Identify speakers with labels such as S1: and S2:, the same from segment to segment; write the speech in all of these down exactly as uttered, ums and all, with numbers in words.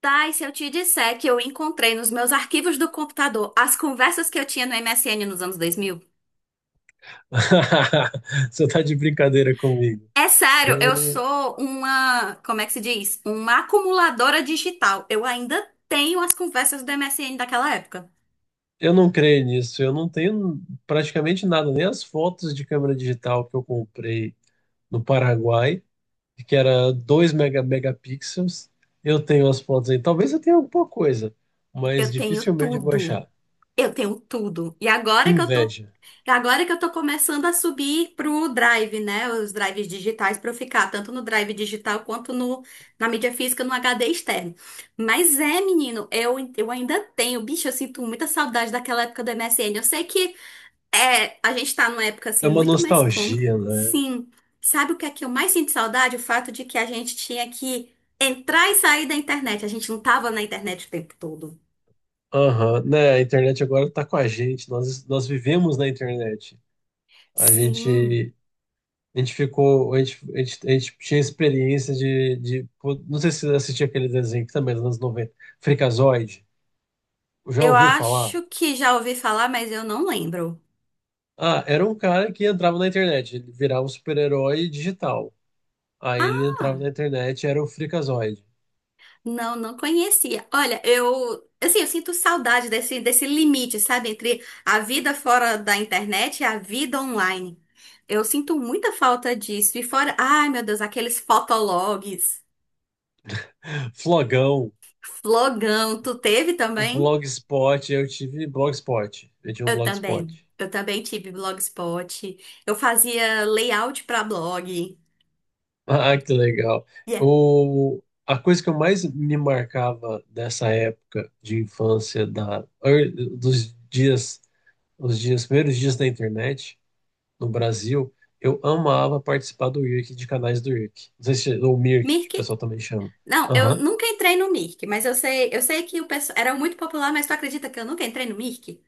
S1: Tá, e se eu te disser que eu encontrei nos meus arquivos do computador as conversas que eu tinha no M S N nos anos dois mil?
S2: Você tá de brincadeira comigo.
S1: É sério, eu
S2: Eu,
S1: sou uma, como é que se diz? Uma acumuladora digital. Eu ainda tenho as conversas do M S N daquela época.
S2: eu não creio nisso. Eu não tenho praticamente nada, nem as fotos de câmera digital que eu comprei no Paraguai, que era dois mega, megapixels. Eu tenho as fotos aí. Talvez eu tenha alguma coisa, mas
S1: Eu tenho
S2: dificilmente eu vou
S1: tudo.
S2: achar.
S1: Eu tenho tudo. E
S2: Que
S1: agora que eu tô
S2: inveja.
S1: Agora que eu tô começando a subir pro Drive, né? Os drives digitais pra eu ficar, tanto no Drive digital quanto no, na mídia física, no H D externo. Mas é, menino, eu, eu ainda tenho, bicho, eu sinto muita saudade daquela época do M S N. Eu sei que é, a gente tá numa época
S2: É
S1: assim
S2: uma
S1: muito mais cômoda.
S2: nostalgia, né?
S1: Sim. Sabe o que é que eu mais sinto saudade? O fato de que a gente tinha que entrar e sair da internet. A gente não tava na internet o tempo todo.
S2: Aham, né? A internet agora tá com a gente. Nós, nós vivemos na internet. A
S1: Sim.
S2: gente A gente ficou, a gente, a gente, a gente tinha experiência de, de, pô, não sei se você assistiu aquele desenho que também é dos anos noventa. Freakazoid. Já
S1: Eu
S2: ouviu falar?
S1: acho que já ouvi falar, mas eu não lembro.
S2: Ah, era um cara que entrava na internet, ele virava um super-herói digital. Aí ele entrava
S1: Ah,
S2: na internet, era o Freakazoid.
S1: não, não conhecia. Olha, eu, assim, eu sinto saudade desse, desse limite, sabe, entre a vida fora da internet e a vida online. Eu sinto muita falta disso. E fora, ai, meu Deus, aqueles fotologs,
S2: Flogão,
S1: flogão, tu teve também?
S2: Blogspot, eu tive Blogspot. Eu tinha um
S1: Eu também.
S2: Blogspot.
S1: Eu também tive Blogspot. Eu fazia layout pra blog.
S2: Ah, que legal.
S1: Yeah.
S2: O, a coisa que eu mais me marcava dessa época de infância, da, ear- dos dias os dias, primeiros dias da internet no Brasil, eu amava participar do I R C, de canais do I R C. Não sei se, ou M I R C, que o
S1: Mirk?
S2: pessoal também chama.
S1: Não, eu
S2: Aham.
S1: nunca entrei no Mirk, mas eu sei, eu sei que o pessoal era muito popular, mas tu acredita que eu nunca entrei no Mirk?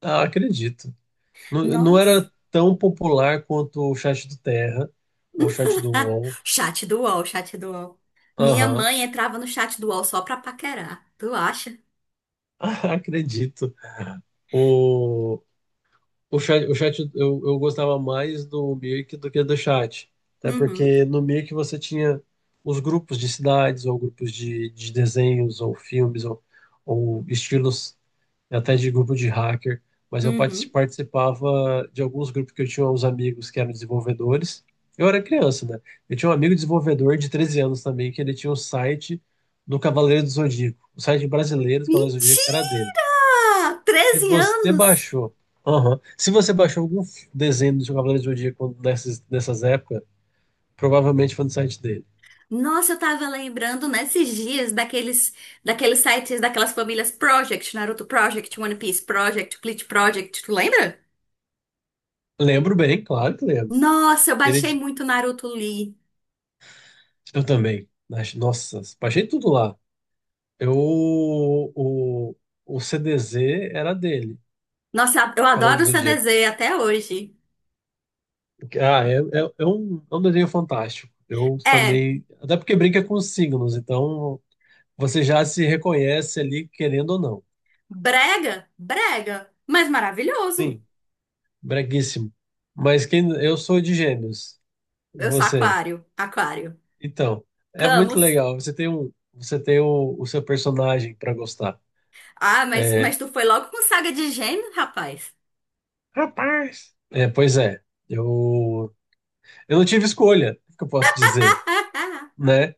S2: Ah, acredito. Não, não
S1: Nossa.
S2: era tão popular quanto o chat do Terra, ou o chat do U O L.
S1: Chat do U O L, chat do U O L. Minha
S2: Aham.
S1: mãe entrava no chat do U O L só pra paquerar. Tu acha?
S2: Ah, acredito. O, O chat, o chat eu, eu gostava mais do Mirk do que do chat. Até
S1: Uhum,
S2: porque no Mirk você tinha os grupos de cidades, ou grupos de, de desenhos, ou filmes, ou, ou estilos, até de grupo de hacker. Mas eu partic-
S1: uhum.
S2: participava de alguns grupos que eu tinha uns amigos que eram desenvolvedores. Eu era criança, né? Eu tinha um amigo desenvolvedor de treze anos também, que ele tinha um site do Cavaleiro do Zodíaco. O site brasileiro do Cavaleiro do Zodíaco era dele.
S1: Mentira!
S2: Se
S1: Treze
S2: você
S1: anos!
S2: baixou. Aham. Se você baixou algum f- desenho do seu Cavaleiro do Zodíaco nessas, nessas épocas, provavelmente foi no site dele.
S1: Nossa, eu tava lembrando nesses dias daqueles, daqueles sites, daquelas famílias Project, Naruto Project, One Piece Project, Bleach Project, tu lembra?
S2: Lembro bem, claro que lembro.
S1: Nossa, eu
S2: Ele,
S1: baixei
S2: di-
S1: muito Naruto Lee.
S2: eu também. Nas Nossa, baixei tudo lá. Eu, o, o C D Z era dele,
S1: Nossa, eu
S2: Cavaleiro
S1: adoro
S2: do
S1: o
S2: Zodíaco.
S1: C D Z até hoje.
S2: Ah, é, é, é um, é um desenho fantástico. Eu
S1: É,
S2: também. Até porque brinca com os signos, então você já se reconhece ali, querendo ou não.
S1: brega, brega, mas maravilhoso.
S2: Sim, breguíssimo. Mas quem, eu sou de Gêmeos.
S1: Eu sou
S2: Você.
S1: aquário, aquário.
S2: Então, é muito
S1: Camus.
S2: legal. Você tem um, você tem o, o seu personagem para gostar.
S1: Ah, mas,
S2: É,
S1: mas tu foi logo com saga de gêmeos, rapaz.
S2: Rapaz! é, pois é. Eu, eu não tive escolha, o que eu posso dizer, né?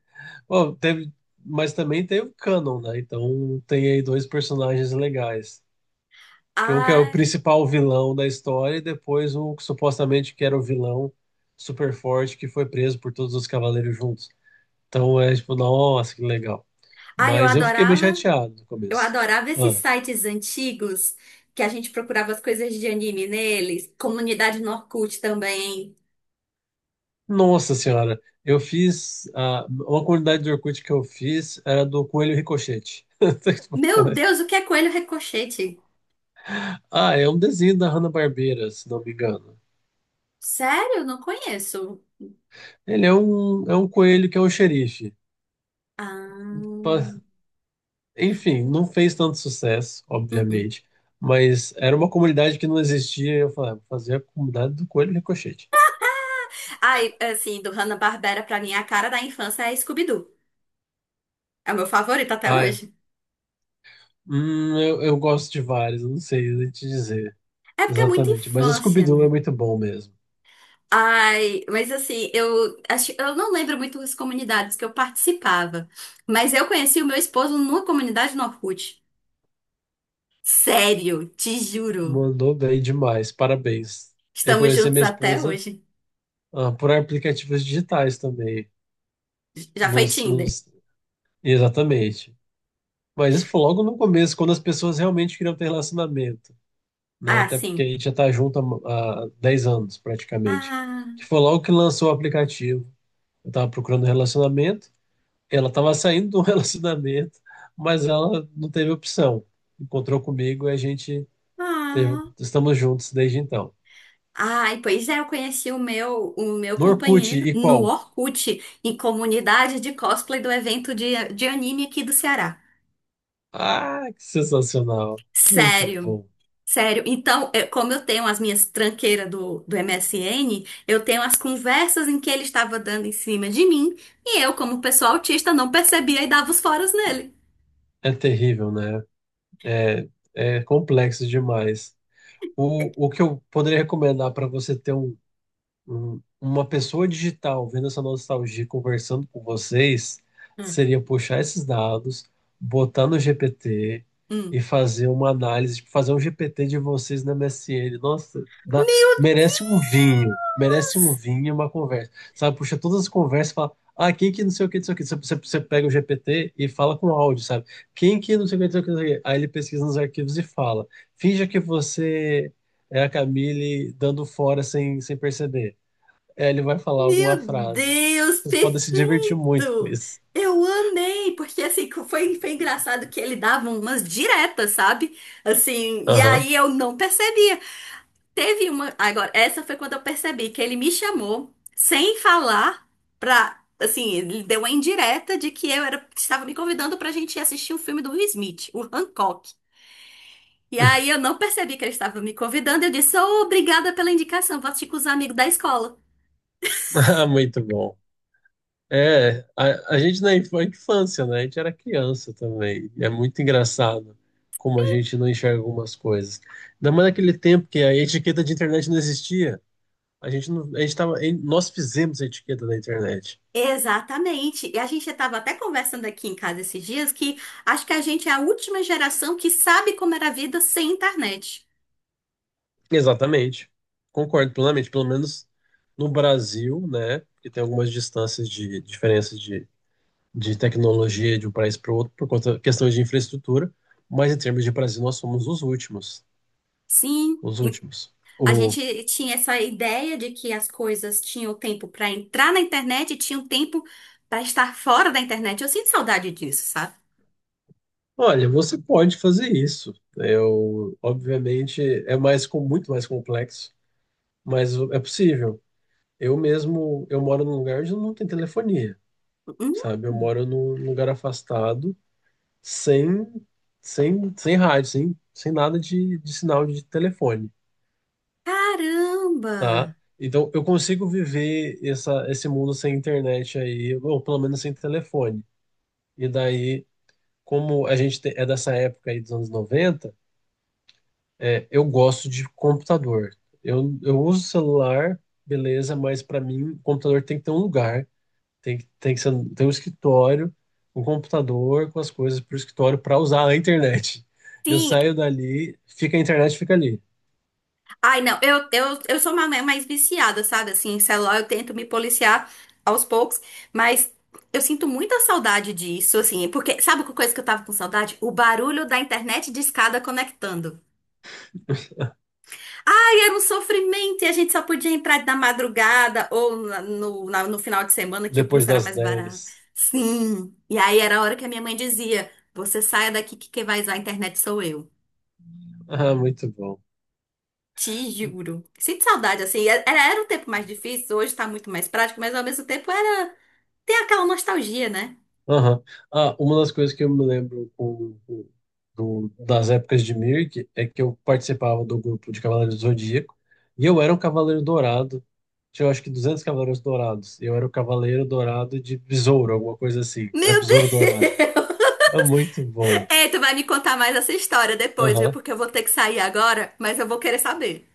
S2: Bom, teve, mas também tem o canon, né? Então tem aí dois personagens legais. Que um que é o
S1: Ah, Ai,
S2: principal vilão da história e depois o que supostamente que era o vilão super forte que foi preso por todos os cavaleiros juntos. Então é tipo, nossa, que legal.
S1: ai, eu
S2: Mas eu fiquei bem
S1: adorava,
S2: chateado no
S1: eu
S2: começo.
S1: adorava esses
S2: Ah,
S1: sites antigos que a gente procurava as coisas de anime neles, comunidade no Orkut também.
S2: nossa senhora, eu fiz. Ah, uma comunidade de Orkut que eu fiz era do Coelho Ricochete. Como
S1: Meu
S2: é que-
S1: Deus, o que é Coelho Ricochete?
S2: Ah, é um desenho da Hanna-Barbera, se não me engano.
S1: Sério? Não conheço.
S2: Ele é um, é um coelho que é um xerife.
S1: Ah,
S2: Pa- Enfim, não fez tanto sucesso,
S1: uhum.
S2: obviamente. Mas era uma comunidade que não existia. Eu falei, "Ah, vou fazer a comunidade do Coelho Ricochete."
S1: Ai, assim, do Hanna-Barbera pra mim, a cara da infância é Scooby-Doo. É o meu favorito até
S2: Ah, é.
S1: hoje.
S2: Hum, eu, eu gosto de vários, eu não sei te dizer.
S1: É porque é muita
S2: Exatamente. Mas
S1: infância,
S2: Scooby-Doo é
S1: né?
S2: muito bom mesmo.
S1: Ai, mas assim, eu acho, eu não lembro muito as comunidades que eu participava, mas eu conheci o meu esposo numa comunidade no Orkut. Sério, te juro.
S2: Mandou bem demais. Parabéns. Eu
S1: Estamos
S2: conheci
S1: juntos
S2: minha
S1: até
S2: esposa,
S1: hoje.
S2: ah, por aplicativos digitais também.
S1: Já foi
S2: Nos,
S1: Tinder?
S2: nos... Exatamente. Mas isso foi logo no começo, quando as pessoas realmente queriam ter relacionamento, né?
S1: Ah,
S2: Até porque a
S1: sim.
S2: gente já está junto há, há dez anos, praticamente.
S1: Ah,
S2: Que foi logo que lançou o aplicativo. Eu estava procurando relacionamento, ela estava saindo do relacionamento, mas ela não teve opção. Encontrou comigo e a gente Teve-
S1: ah.
S2: estamos juntos desde então.
S1: Ai, pois é, eu conheci o meu, o meu
S2: No Orkut
S1: companheiro
S2: e
S1: no
S2: qual?
S1: Orkut, em comunidade de cosplay do evento de, de anime aqui do Ceará.
S2: Ah, que sensacional. Muito
S1: Sério,
S2: bom.
S1: sério. Então, eu- como eu tenho as minhas tranqueiras do, do M S N, eu tenho as conversas em que ele estava dando em cima de mim, e eu, como pessoa autista, não percebia e dava os foras nele.
S2: É terrível, né? É é complexo demais. O, o que eu poderia recomendar para você ter um um- uma pessoa digital vendo essa nostalgia, e conversando com vocês,
S1: Hum.
S2: seria puxar esses dados, botar no G P T e
S1: Hum.
S2: fazer uma análise, tipo, fazer um G P T de vocês na M S N. Nossa, dá-
S1: Meu
S2: merece um vinho, merece um
S1: Deus!
S2: vinho e uma conversa. Sabe, puxa todas as conversas e fala. Ah, quem que não sei o que, não sei o que. Você, você você pega o G P T e fala com áudio, sabe? Quem que não sei o que, não sei o que, não sei o que. Aí ele pesquisa nos arquivos e fala. Finja que você é a Camille dando fora sem, sem perceber. É, ele vai falar alguma
S1: Meu
S2: frase.
S1: Deus,
S2: Vocês podem se divertir muito com
S1: perfeito!
S2: isso.
S1: Eu amei, porque assim, foi, foi engraçado que ele dava umas diretas, sabe? Assim, e
S2: Aham.
S1: aí eu não percebia. Teve uma. Agora, essa foi quando eu percebi que ele me chamou sem falar pra. Assim, ele deu uma indireta de que eu era, estava me convidando pra gente ir assistir um filme do Will Smith, o Hancock. E aí eu não percebi que ele estava me convidando. Eu disse, "Ô, obrigada pela indicação, vou assistir com os amigos da escola."
S2: Ah, muito bom. É, a, a gente na inf- infância, né? A gente era criança também. E é muito engraçado como a gente não enxerga algumas coisas. Ainda mais naquele tempo que a etiqueta de internet não existia. A gente não, a gente tava, em- nós fizemos a etiqueta da internet.
S1: Exatamente. E a gente estava até conversando aqui em casa esses dias que acho que a gente é a última geração que sabe como era a vida sem internet.
S2: Exatamente. Concordo plenamente. Pelo menos no Brasil, né? Porque tem algumas distâncias de diferenças de tecnologia de um país para o outro por conta questões de infraestrutura, mas em termos de Brasil nós somos os últimos,
S1: Sim.
S2: os últimos.
S1: A
S2: O,
S1: gente tinha essa ideia de que as coisas tinham tempo para entrar na internet e tinham tempo para estar fora da internet. Eu sinto saudade disso, sabe?
S2: olha, você pode fazer isso. Eu, obviamente, é mais com muito mais complexo, mas é possível. Eu mesmo, eu moro num lugar onde não tem telefonia,
S1: Hum,
S2: sabe? Eu moro num lugar afastado, sem sem sem rádio, sem sem nada de, de sinal de telefone.
S1: caramba!
S2: Tá? Então eu consigo viver essa, esse mundo sem internet aí, ou pelo menos sem telefone. E daí, como a gente te- é dessa época aí dos anos noventa, é, eu gosto de computador. Eu, eu uso celular, beleza, mas para mim, computador tem que ter um lugar, tem, que- tem que ser, tem um escritório, um computador com as coisas para o escritório para usar a internet. Eu
S1: Sim,
S2: saio dali, fica a internet, fica ali,
S1: ai não, eu, eu, eu sou uma mais viciada, sabe? Assim, em celular eu tento me policiar aos poucos, mas eu sinto muita saudade disso, assim, porque sabe que coisa que eu tava com saudade? O barulho da internet de escada conectando. Ai, era um sofrimento e a gente só podia entrar na madrugada ou na- no, na- no final de semana que o
S2: depois
S1: pulso era
S2: das
S1: mais barato.
S2: dez.
S1: Sim. E aí era a hora que a minha mãe dizia: "Você saia daqui que quem vai usar a internet sou eu."
S2: Ah, muito bom.
S1: Te juro. Sinto saudade, assim. Era, era um tempo mais difícil, hoje tá muito mais prático, mas ao mesmo tempo era. Tem aquela nostalgia, né?
S2: Aham. Ah, uma das coisas que eu me lembro com- com- do- das épocas de Mirk é que eu participava do grupo de Cavaleiros do Zodíaco e eu era um Cavaleiro Dourado. Tinha, eu acho que duzentos Cavaleiros Dourados. E eu era o Cavaleiro Dourado de Besouro, alguma coisa assim. Era
S1: Meu
S2: Besouro Dourado.
S1: Deus!
S2: É muito bom.
S1: Ei, tu vai me contar mais essa história depois, viu?
S2: Aham.
S1: Porque eu vou ter que sair agora, mas eu vou querer saber.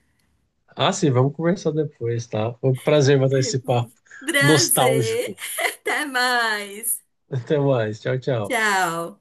S2: Ah, sim, vamos conversar depois, tá? Foi um prazer bater esse papo
S1: Prazer!
S2: nostálgico.
S1: Até mais!
S2: Até mais. Tchau, tchau.
S1: Tchau.